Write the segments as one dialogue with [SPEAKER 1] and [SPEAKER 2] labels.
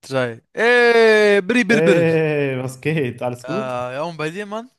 [SPEAKER 1] Drei. Ey, biri, biri, biri.
[SPEAKER 2] Ey, was geht? Alles
[SPEAKER 1] Äh,
[SPEAKER 2] gut?
[SPEAKER 1] ja, und bei dir, Mann?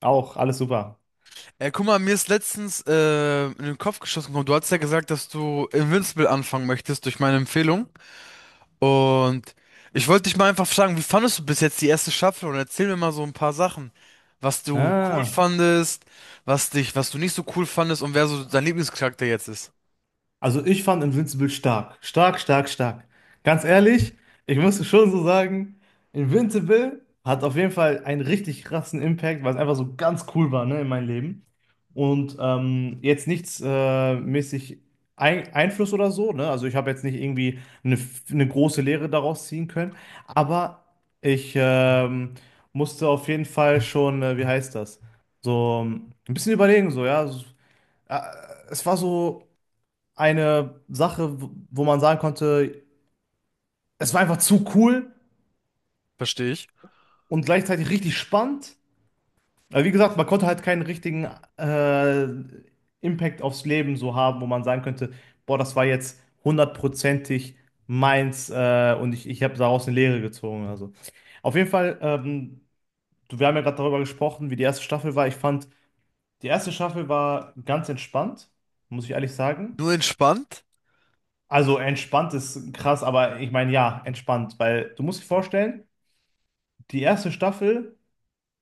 [SPEAKER 2] Auch, alles super.
[SPEAKER 1] Ey, guck mal, mir ist letztens in den Kopf geschossen gekommen. Du hast ja gesagt, dass du Invincible anfangen möchtest durch meine Empfehlung. Und ich wollte dich mal einfach fragen, wie fandest du bis jetzt die erste Staffel? Und erzähl mir mal so ein paar Sachen, was du cool
[SPEAKER 2] Ah,
[SPEAKER 1] fandest, was du nicht so cool fandest und wer so dein Lieblingscharakter jetzt ist.
[SPEAKER 2] Also ich fand Invincible stark. Stark, stark, stark. Ganz ehrlich, ich muss schon so sagen, Invincible hat auf jeden Fall einen richtig krassen Impact, weil es einfach so ganz cool war, ne, in meinem Leben. Und jetzt nichts mäßig ein Einfluss oder so, ne? Also ich habe jetzt nicht irgendwie eine große Lehre daraus ziehen können, aber ich musste auf jeden Fall schon, wie heißt das? So ein bisschen überlegen, so, ja. So, äh, es war so eine Sache, wo man sagen konnte, es war einfach zu cool
[SPEAKER 1] Verstehe ich.
[SPEAKER 2] und gleichzeitig richtig spannend. Aber wie gesagt, man konnte halt keinen richtigen äh, Impact aufs Leben so haben, wo man sagen könnte, boah, das war jetzt hundertprozentig meins und ich habe daraus eine Lehre gezogen. Also auf jeden Fall, wir haben ja gerade darüber gesprochen, wie die erste Staffel war. Ich fand, die erste Staffel war ganz entspannt, muss ich ehrlich sagen.
[SPEAKER 1] Nur entspannt
[SPEAKER 2] Also entspannt ist krass, aber ich meine ja, entspannt, weil du musst dir vorstellen, die erste Staffel,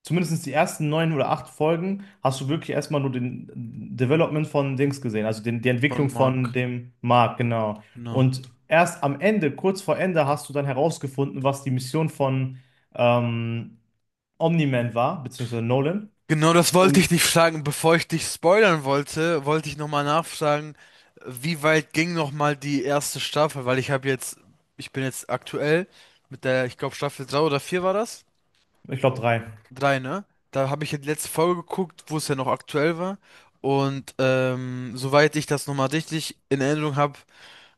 [SPEAKER 2] zumindest die ersten neun oder acht Folgen, hast du wirklich erstmal nur den Development von Dings gesehen, also die
[SPEAKER 1] von
[SPEAKER 2] Entwicklung von
[SPEAKER 1] Mark.
[SPEAKER 2] dem Mark, genau.
[SPEAKER 1] Genau.
[SPEAKER 2] Und erst am Ende, kurz vor Ende, hast du dann herausgefunden, was die Mission von ähm, Omni-Man war, beziehungsweise Nolan.
[SPEAKER 1] Genau, das wollte
[SPEAKER 2] Und
[SPEAKER 1] ich dich fragen. Bevor ich dich spoilern wollte, wollte ich nochmal nachfragen, wie weit ging nochmal die erste Staffel? Weil ich bin jetzt aktuell mit der, ich glaube Staffel 3 oder 4 war das?
[SPEAKER 2] ich glaube drei.
[SPEAKER 1] 3, ne? Da habe ich ja die letzte Folge geguckt, wo es ja noch aktuell war. Und soweit ich das nochmal richtig in Erinnerung habe,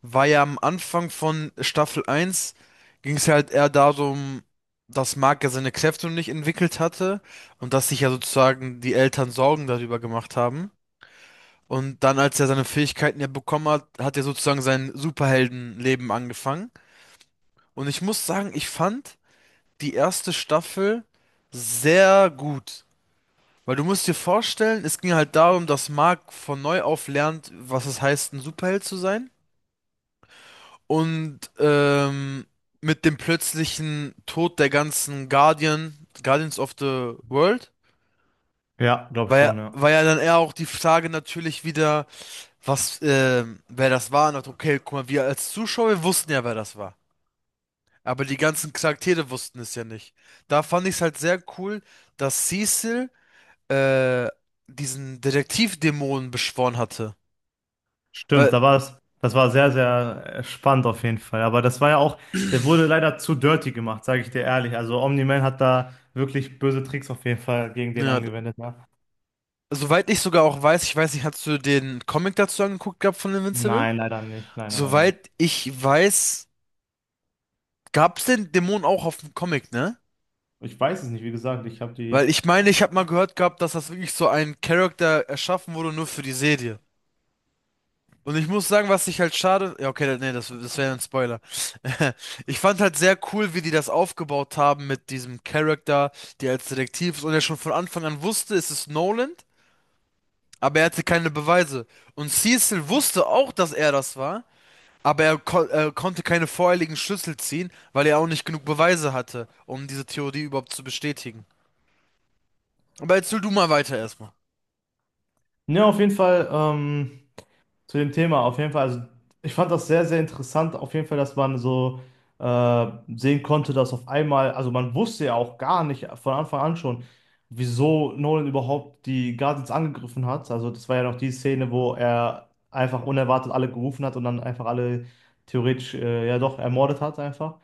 [SPEAKER 1] war ja am Anfang von Staffel eins ging es halt eher darum, dass Mark ja seine Kräfte noch nicht entwickelt hatte und dass sich ja sozusagen die Eltern Sorgen darüber gemacht haben. Und dann, als er seine Fähigkeiten ja bekommen hat, hat er sozusagen sein Superheldenleben angefangen. Und ich muss sagen, ich fand die erste Staffel sehr gut. Weil du musst dir vorstellen, es ging halt darum, dass Mark von neu auf lernt, was es heißt, ein Superheld zu sein. Und mit dem plötzlichen Tod der ganzen Guardians of the World,
[SPEAKER 2] Ja, glaube schon, ja.
[SPEAKER 1] war ja dann eher auch die Frage natürlich wieder, wer das war. Und dachte, okay, guck mal, wir als Zuschauer wussten ja, wer das war. Aber die ganzen Charaktere wussten es ja nicht. Da fand ich es halt sehr cool, dass Cecil äh, diesen Detektivdämonen beschworen hatte.
[SPEAKER 2] Stimmt,
[SPEAKER 1] Weil,
[SPEAKER 2] da war es, das war sehr, sehr spannend auf jeden Fall. Aber das war ja auch, der wurde leider zu dirty gemacht, sage ich dir ehrlich. Also Omni-Man hat da wirklich böse Tricks auf jeden Fall gegen den
[SPEAKER 1] ja,
[SPEAKER 2] angewendet, ne?
[SPEAKER 1] soweit ich sogar auch weiß, ich weiß nicht, hast du den Comic dazu angeguckt gehabt von Invincible?
[SPEAKER 2] Nein, leider nicht. Nein, nein, leider nicht.
[SPEAKER 1] Soweit ich weiß, gab es den Dämon auch auf dem Comic, ne?
[SPEAKER 2] Ich weiß es nicht, wie gesagt, ich habe
[SPEAKER 1] Weil
[SPEAKER 2] die.
[SPEAKER 1] ich meine, ich habe mal gehört gehabt, dass das wirklich so ein Charakter erschaffen wurde nur für die Serie. Und ich muss sagen, was ich halt schade. Ja, okay, nee, das wäre ein Spoiler. Ich fand halt sehr cool, wie die das aufgebaut haben mit diesem Charakter, der als Detektiv ist und der schon von Anfang an wusste, es ist Nolan, aber er hatte keine Beweise. Und Cecil wusste auch, dass er das war. Aber er, ko konnte keine vorherigen Schlüssel ziehen, weil er auch nicht genug Beweise hatte, um diese Theorie überhaupt zu bestätigen. Aber jetzt erzähl du mal weiter erstmal.
[SPEAKER 2] Ne, auf jeden Fall, zu dem Thema, auf jeden Fall. Also ich fand das sehr, sehr interessant, auf jeden Fall, dass man so äh, sehen konnte, dass auf einmal, also man wusste ja auch gar nicht von Anfang an schon, wieso Nolan überhaupt die Guardians angegriffen hat. Also das war ja noch die Szene, wo er einfach unerwartet alle gerufen hat und dann einfach alle theoretisch, ja doch, ermordet hat einfach.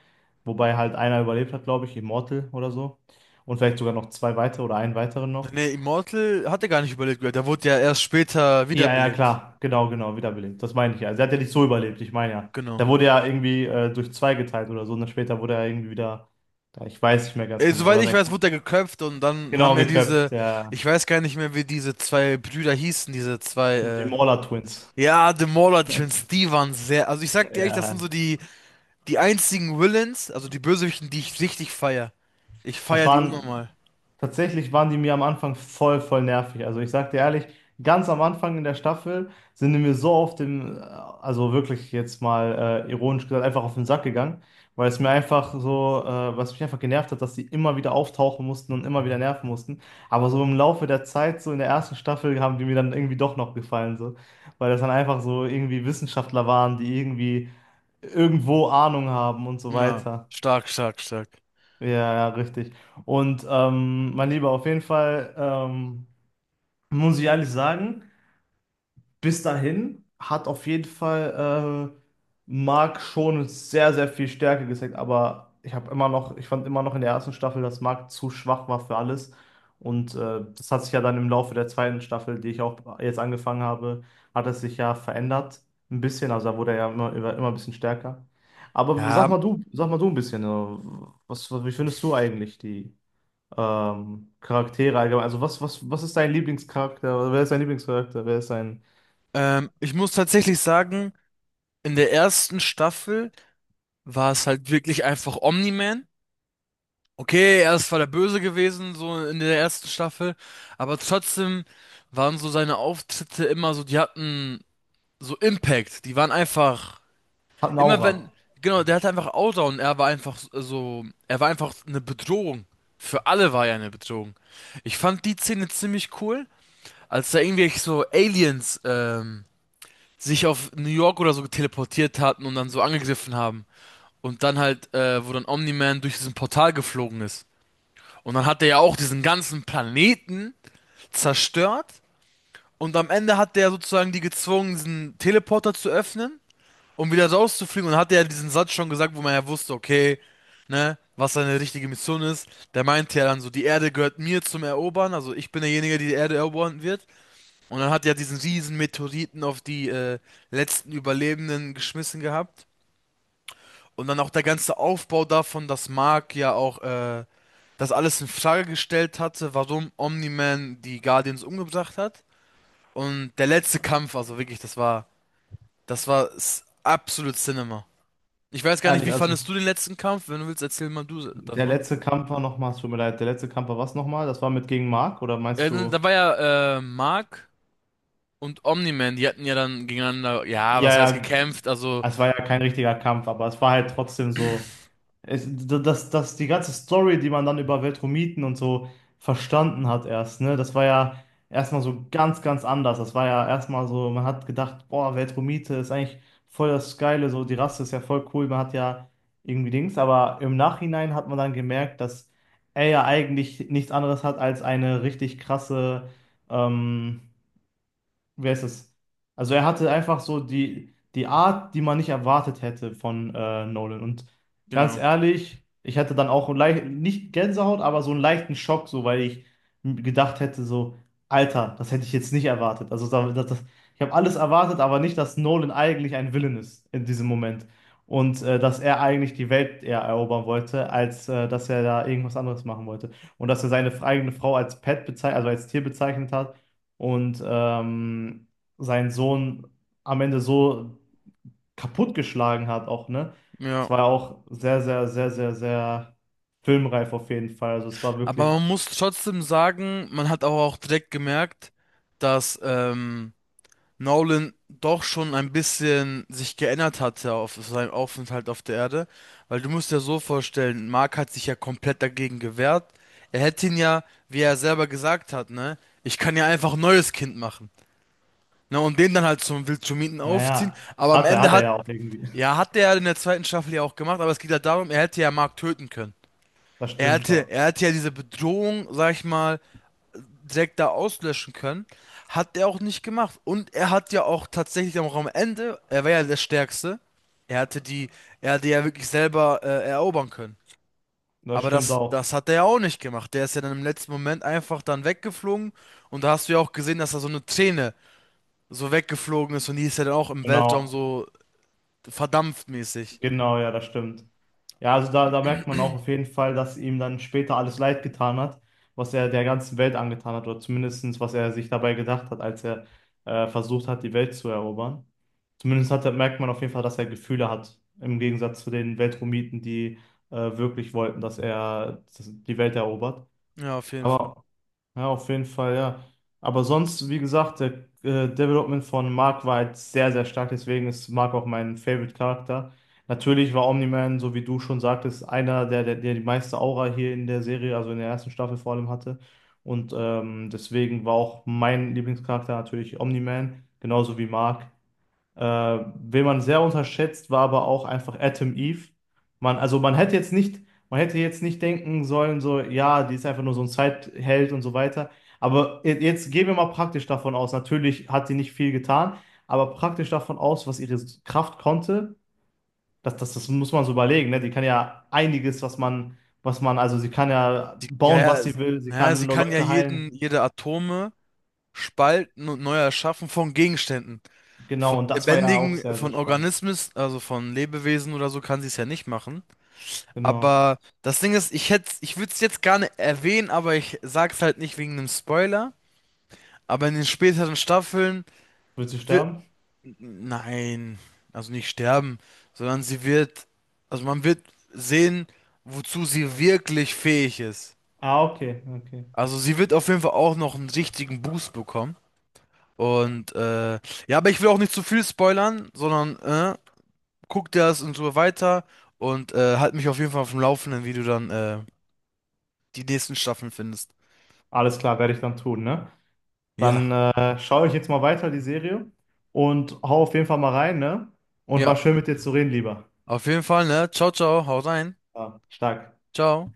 [SPEAKER 2] Wobei halt einer überlebt hat, glaube ich, Immortal oder so. Und vielleicht sogar noch zwei weitere oder einen weiteren noch.
[SPEAKER 1] Nee, Immortal hat er gar nicht überlebt gehört. Er wurde ja erst später
[SPEAKER 2] Ja, ja,
[SPEAKER 1] wiederbelebt.
[SPEAKER 2] klar. Genau, genau, wiederbelebt. Das meine ich ja. Sie hat ja nicht so überlebt, ich meine ja.
[SPEAKER 1] Genau.
[SPEAKER 2] Der wurde ja irgendwie durch zwei geteilt oder so. Und dann später wurde er irgendwie wieder, da, ich weiß nicht mehr ganz genau,
[SPEAKER 1] Soweit
[SPEAKER 2] oder
[SPEAKER 1] ich
[SPEAKER 2] sein
[SPEAKER 1] weiß,
[SPEAKER 2] Kopf.
[SPEAKER 1] wurde er geköpft und dann haben
[SPEAKER 2] Genau,
[SPEAKER 1] ja
[SPEAKER 2] geköpft,
[SPEAKER 1] diese,
[SPEAKER 2] der,
[SPEAKER 1] ich weiß gar nicht mehr, wie diese zwei Brüder hießen,
[SPEAKER 2] den Mauler Twins.
[SPEAKER 1] ja, The Mauler Twins, die waren sehr, also ich sag dir echt, das sind
[SPEAKER 2] Ja.
[SPEAKER 1] so die, die einzigen Villains, also die Bösewichten, die ich richtig feier. Ich
[SPEAKER 2] Das
[SPEAKER 1] feier die
[SPEAKER 2] waren,
[SPEAKER 1] unnormal.
[SPEAKER 2] tatsächlich waren die mir am Anfang voll, voll nervig. Also ich sag dir ehrlich, ganz am Anfang in der Staffel sind die mir so auf den, also wirklich jetzt mal ironisch gesagt, einfach auf den Sack gegangen, weil es mir einfach so, was mich einfach genervt hat, dass die immer wieder auftauchen mussten und immer wieder nerven mussten. Aber so im Laufe der Zeit, so in der ersten Staffel, haben die mir dann irgendwie doch noch gefallen, so, weil das dann einfach so irgendwie Wissenschaftler waren, die irgendwie irgendwo Ahnung haben und so
[SPEAKER 1] Ja,
[SPEAKER 2] weiter.
[SPEAKER 1] stark, stark, stark.
[SPEAKER 2] Ja, ja, richtig. Und mein Lieber, auf jeden Fall muss ich ehrlich sagen, bis dahin hat auf jeden Fall Mark schon sehr, sehr viel Stärke gezeigt. Aber ich habe immer noch, ich fand immer noch in der ersten Staffel, dass Mark zu schwach war für alles. Und das hat sich ja dann im Laufe der zweiten Staffel, die ich auch jetzt angefangen habe, hat es sich ja verändert. Ein bisschen, also da wurde er ja immer, immer, immer ein bisschen stärker. Aber
[SPEAKER 1] Ja,
[SPEAKER 2] sag mal du ein bisschen, was, wie findest du eigentlich die? Charaktere allgemein. Also was ist dein Lieblingscharakter? Wer ist dein Lieblingscharakter? Wer ist dein...
[SPEAKER 1] ich muss tatsächlich sagen, in der ersten Staffel war es halt wirklich einfach Omni-Man. Okay, er ist zwar der Böse gewesen, so in der ersten Staffel, aber trotzdem waren so seine Auftritte immer so, die hatten so Impact. Die waren einfach,
[SPEAKER 2] Hat eine
[SPEAKER 1] immer wenn,
[SPEAKER 2] Aura.
[SPEAKER 1] genau, der hatte einfach Outdown, er war einfach so, er war einfach eine Bedrohung. Für alle war er eine Bedrohung. Ich fand die Szene ziemlich cool, als da irgendwelche so Aliens, sich auf New York oder so teleportiert hatten und dann so angegriffen haben. Und dann halt, wo dann Omni-Man durch diesen Portal geflogen ist. Und dann hat er ja auch diesen ganzen Planeten zerstört. Und am Ende hat der sozusagen die gezwungen, diesen Teleporter zu öffnen, um wieder rauszufliegen. Und dann hat er ja diesen Satz schon gesagt, wo man ja wusste, okay, ne, was seine richtige Mission ist. Der meinte ja dann so, die Erde gehört mir zum Erobern. Also ich bin derjenige, der die Erde erobern wird. Und dann hat er diesen riesen Meteoriten auf die letzten Überlebenden geschmissen gehabt. Und dann auch der ganze Aufbau davon, dass Mark ja auch das alles in Frage gestellt hatte, warum Omni-Man die Guardians umgebracht hat. Und der letzte Kampf, also wirklich, das war absolut Cinema. Ich weiß gar nicht,
[SPEAKER 2] Ehrlich,
[SPEAKER 1] wie fandest
[SPEAKER 2] also.
[SPEAKER 1] du den letzten Kampf? Wenn du willst, erzähl mal du
[SPEAKER 2] Der
[SPEAKER 1] davon.
[SPEAKER 2] letzte Kampf war nochmal, es tut mir leid, der letzte Kampf war was nochmal? Das war mit gegen Mark oder meinst
[SPEAKER 1] Äh, da
[SPEAKER 2] du?
[SPEAKER 1] war ja äh, Mark und Omni-Man, die hatten ja dann gegeneinander, ja,
[SPEAKER 2] Ja,
[SPEAKER 1] was heißt
[SPEAKER 2] ja,
[SPEAKER 1] gekämpft, also,
[SPEAKER 2] es war ja kein richtiger Kampf, aber es war halt trotzdem so. Die ganze Story, die man dann über Veltromiten und so verstanden hat erst, ne? Das war ja erstmal so ganz, ganz anders. Das war ja erstmal so, man hat gedacht, boah, Veltromite ist eigentlich voll das Geile, so die Rasse ist ja voll cool, man hat ja irgendwie Dings, aber im Nachhinein hat man dann gemerkt, dass er ja eigentlich nichts anderes hat als eine richtig krasse, ähm, wer ist es? Also er hatte einfach so die Art, die man nicht erwartet hätte von Nolan. Und ganz
[SPEAKER 1] genau,
[SPEAKER 2] ehrlich, ich hatte dann auch leicht, nicht Gänsehaut, aber so einen leichten Schock, so weil ich gedacht hätte, so, Alter, das hätte ich jetzt nicht erwartet. Also ich habe alles erwartet, aber nicht, dass Nolan eigentlich ein Villain ist in diesem Moment. Und dass er eigentlich die Welt eher erobern wollte, als dass er da irgendwas anderes machen wollte. Und dass er seine eigene Frau als Pet bezeichnet, also als Tier bezeichnet hat und seinen Sohn am Ende so kaputtgeschlagen hat auch, ne? Es
[SPEAKER 1] ja.
[SPEAKER 2] war auch sehr, sehr, sehr, sehr, sehr filmreif auf jeden Fall. Also es war
[SPEAKER 1] Aber
[SPEAKER 2] wirklich,
[SPEAKER 1] man muss trotzdem sagen, man hat aber auch direkt gemerkt, dass Nolan doch schon ein bisschen sich geändert hatte auf seinem Aufenthalt auf der Erde. Weil du musst dir so vorstellen, Mark hat sich ja komplett dagegen gewehrt. Er hätte ihn ja, wie er selber gesagt hat, ne, ich kann ja einfach ein neues Kind machen. Ne, und den dann halt zum Wildschumieten aufziehen.
[SPEAKER 2] naja, hat er ja auch irgendwie.
[SPEAKER 1] Ja, hat er in der zweiten Staffel ja auch gemacht, aber es geht ja darum, er hätte ja Mark töten können.
[SPEAKER 2] Das stimmt, ja.
[SPEAKER 1] Er hätte ja diese Bedrohung, sag ich mal, Zack da auslöschen können. Hat er auch nicht gemacht. Und er hat ja auch tatsächlich auch am Ende, er war ja der Stärkste. Er hatte die, er hatte ja wirklich selber erobern können.
[SPEAKER 2] Das
[SPEAKER 1] Aber
[SPEAKER 2] stimmt auch.
[SPEAKER 1] das hat er ja auch nicht gemacht. Der ist ja dann im letzten Moment einfach dann weggeflogen. Und da hast du ja auch gesehen, dass da so eine Träne so weggeflogen ist. Und die ist ja dann auch im Weltraum
[SPEAKER 2] Genau.
[SPEAKER 1] so verdampft mäßig.
[SPEAKER 2] Genau, ja, das stimmt. Ja, also da, da merkt man auch auf jeden Fall, dass ihm dann später alles leid getan hat, was er der ganzen Welt angetan hat, oder zumindestens was er sich dabei gedacht hat, als er versucht hat, die Welt zu erobern. Zumindest hat, er- merkt man auf jeden Fall, dass er Gefühle hat, im Gegensatz zu den Weltromiten, die wirklich wollten, dass er dass die Welt erobert.
[SPEAKER 1] Ja, auf jeden Fall.
[SPEAKER 2] Aber ja, auf jeden Fall, ja. Aber sonst, wie gesagt, der Development von Mark war halt sehr, sehr stark. Deswegen ist Mark auch mein Favorite-Charakter. Natürlich war Omni-Man, so wie du schon sagtest, einer, der die meiste Aura hier in der Serie, also in der ersten Staffel vor allem hatte. Und deswegen war auch mein Lieblingscharakter natürlich Omni-Man, genauso wie Mark. Wen man sehr unterschätzt, war aber auch einfach Adam Eve. Also man hätte jetzt nicht, man hätte jetzt nicht denken sollen, so, ja, die ist einfach nur so ein Zeitheld und so weiter. Aber jetzt gehen wir mal praktisch davon aus. Natürlich hat sie nicht viel getan, aber praktisch davon aus, was ihre Kraft konnte, das muss man so überlegen, ne? Die kann ja einiges, was man, also sie kann ja
[SPEAKER 1] Die, ja,
[SPEAKER 2] bauen, was
[SPEAKER 1] ja,
[SPEAKER 2] sie will, sie
[SPEAKER 1] naja, sie
[SPEAKER 2] kann
[SPEAKER 1] kann ja
[SPEAKER 2] Leute
[SPEAKER 1] jeden,
[SPEAKER 2] heilen.
[SPEAKER 1] jede Atome spalten und neu erschaffen von Gegenständen. Von
[SPEAKER 2] Genau, und das war ja auch
[SPEAKER 1] lebendigen,
[SPEAKER 2] sehr, sehr
[SPEAKER 1] von
[SPEAKER 2] spannend.
[SPEAKER 1] Organismus, also von Lebewesen oder so, kann sie es ja nicht machen.
[SPEAKER 2] Genau.
[SPEAKER 1] Aber das Ding ist, ich würde es jetzt gerne erwähnen, aber ich sag's halt nicht wegen einem Spoiler. Aber in den späteren Staffeln
[SPEAKER 2] Wird sie
[SPEAKER 1] wird,
[SPEAKER 2] sterben?
[SPEAKER 1] nein, also nicht sterben, sondern sie wird, also man wird sehen, wozu sie wirklich fähig ist.
[SPEAKER 2] Ah, okay, okay.
[SPEAKER 1] Also sie wird auf jeden Fall auch noch einen richtigen Boost bekommen. Und ja, aber ich will auch nicht zu viel spoilern, sondern guck dir das und so weiter und halt mich auf jeden Fall auf dem Laufenden, wie du dann die nächsten Staffeln findest.
[SPEAKER 2] Alles klar, werde ich dann tun, ne?
[SPEAKER 1] Ja,
[SPEAKER 2] Dann schaue ich jetzt mal weiter die Serie und hau auf jeden Fall mal rein, ne? Und
[SPEAKER 1] ja,
[SPEAKER 2] war schön mit dir zu reden, lieber.
[SPEAKER 1] auf jeden Fall, ne? Ciao, ciao, haut rein.
[SPEAKER 2] Ja, stark.
[SPEAKER 1] Ciao.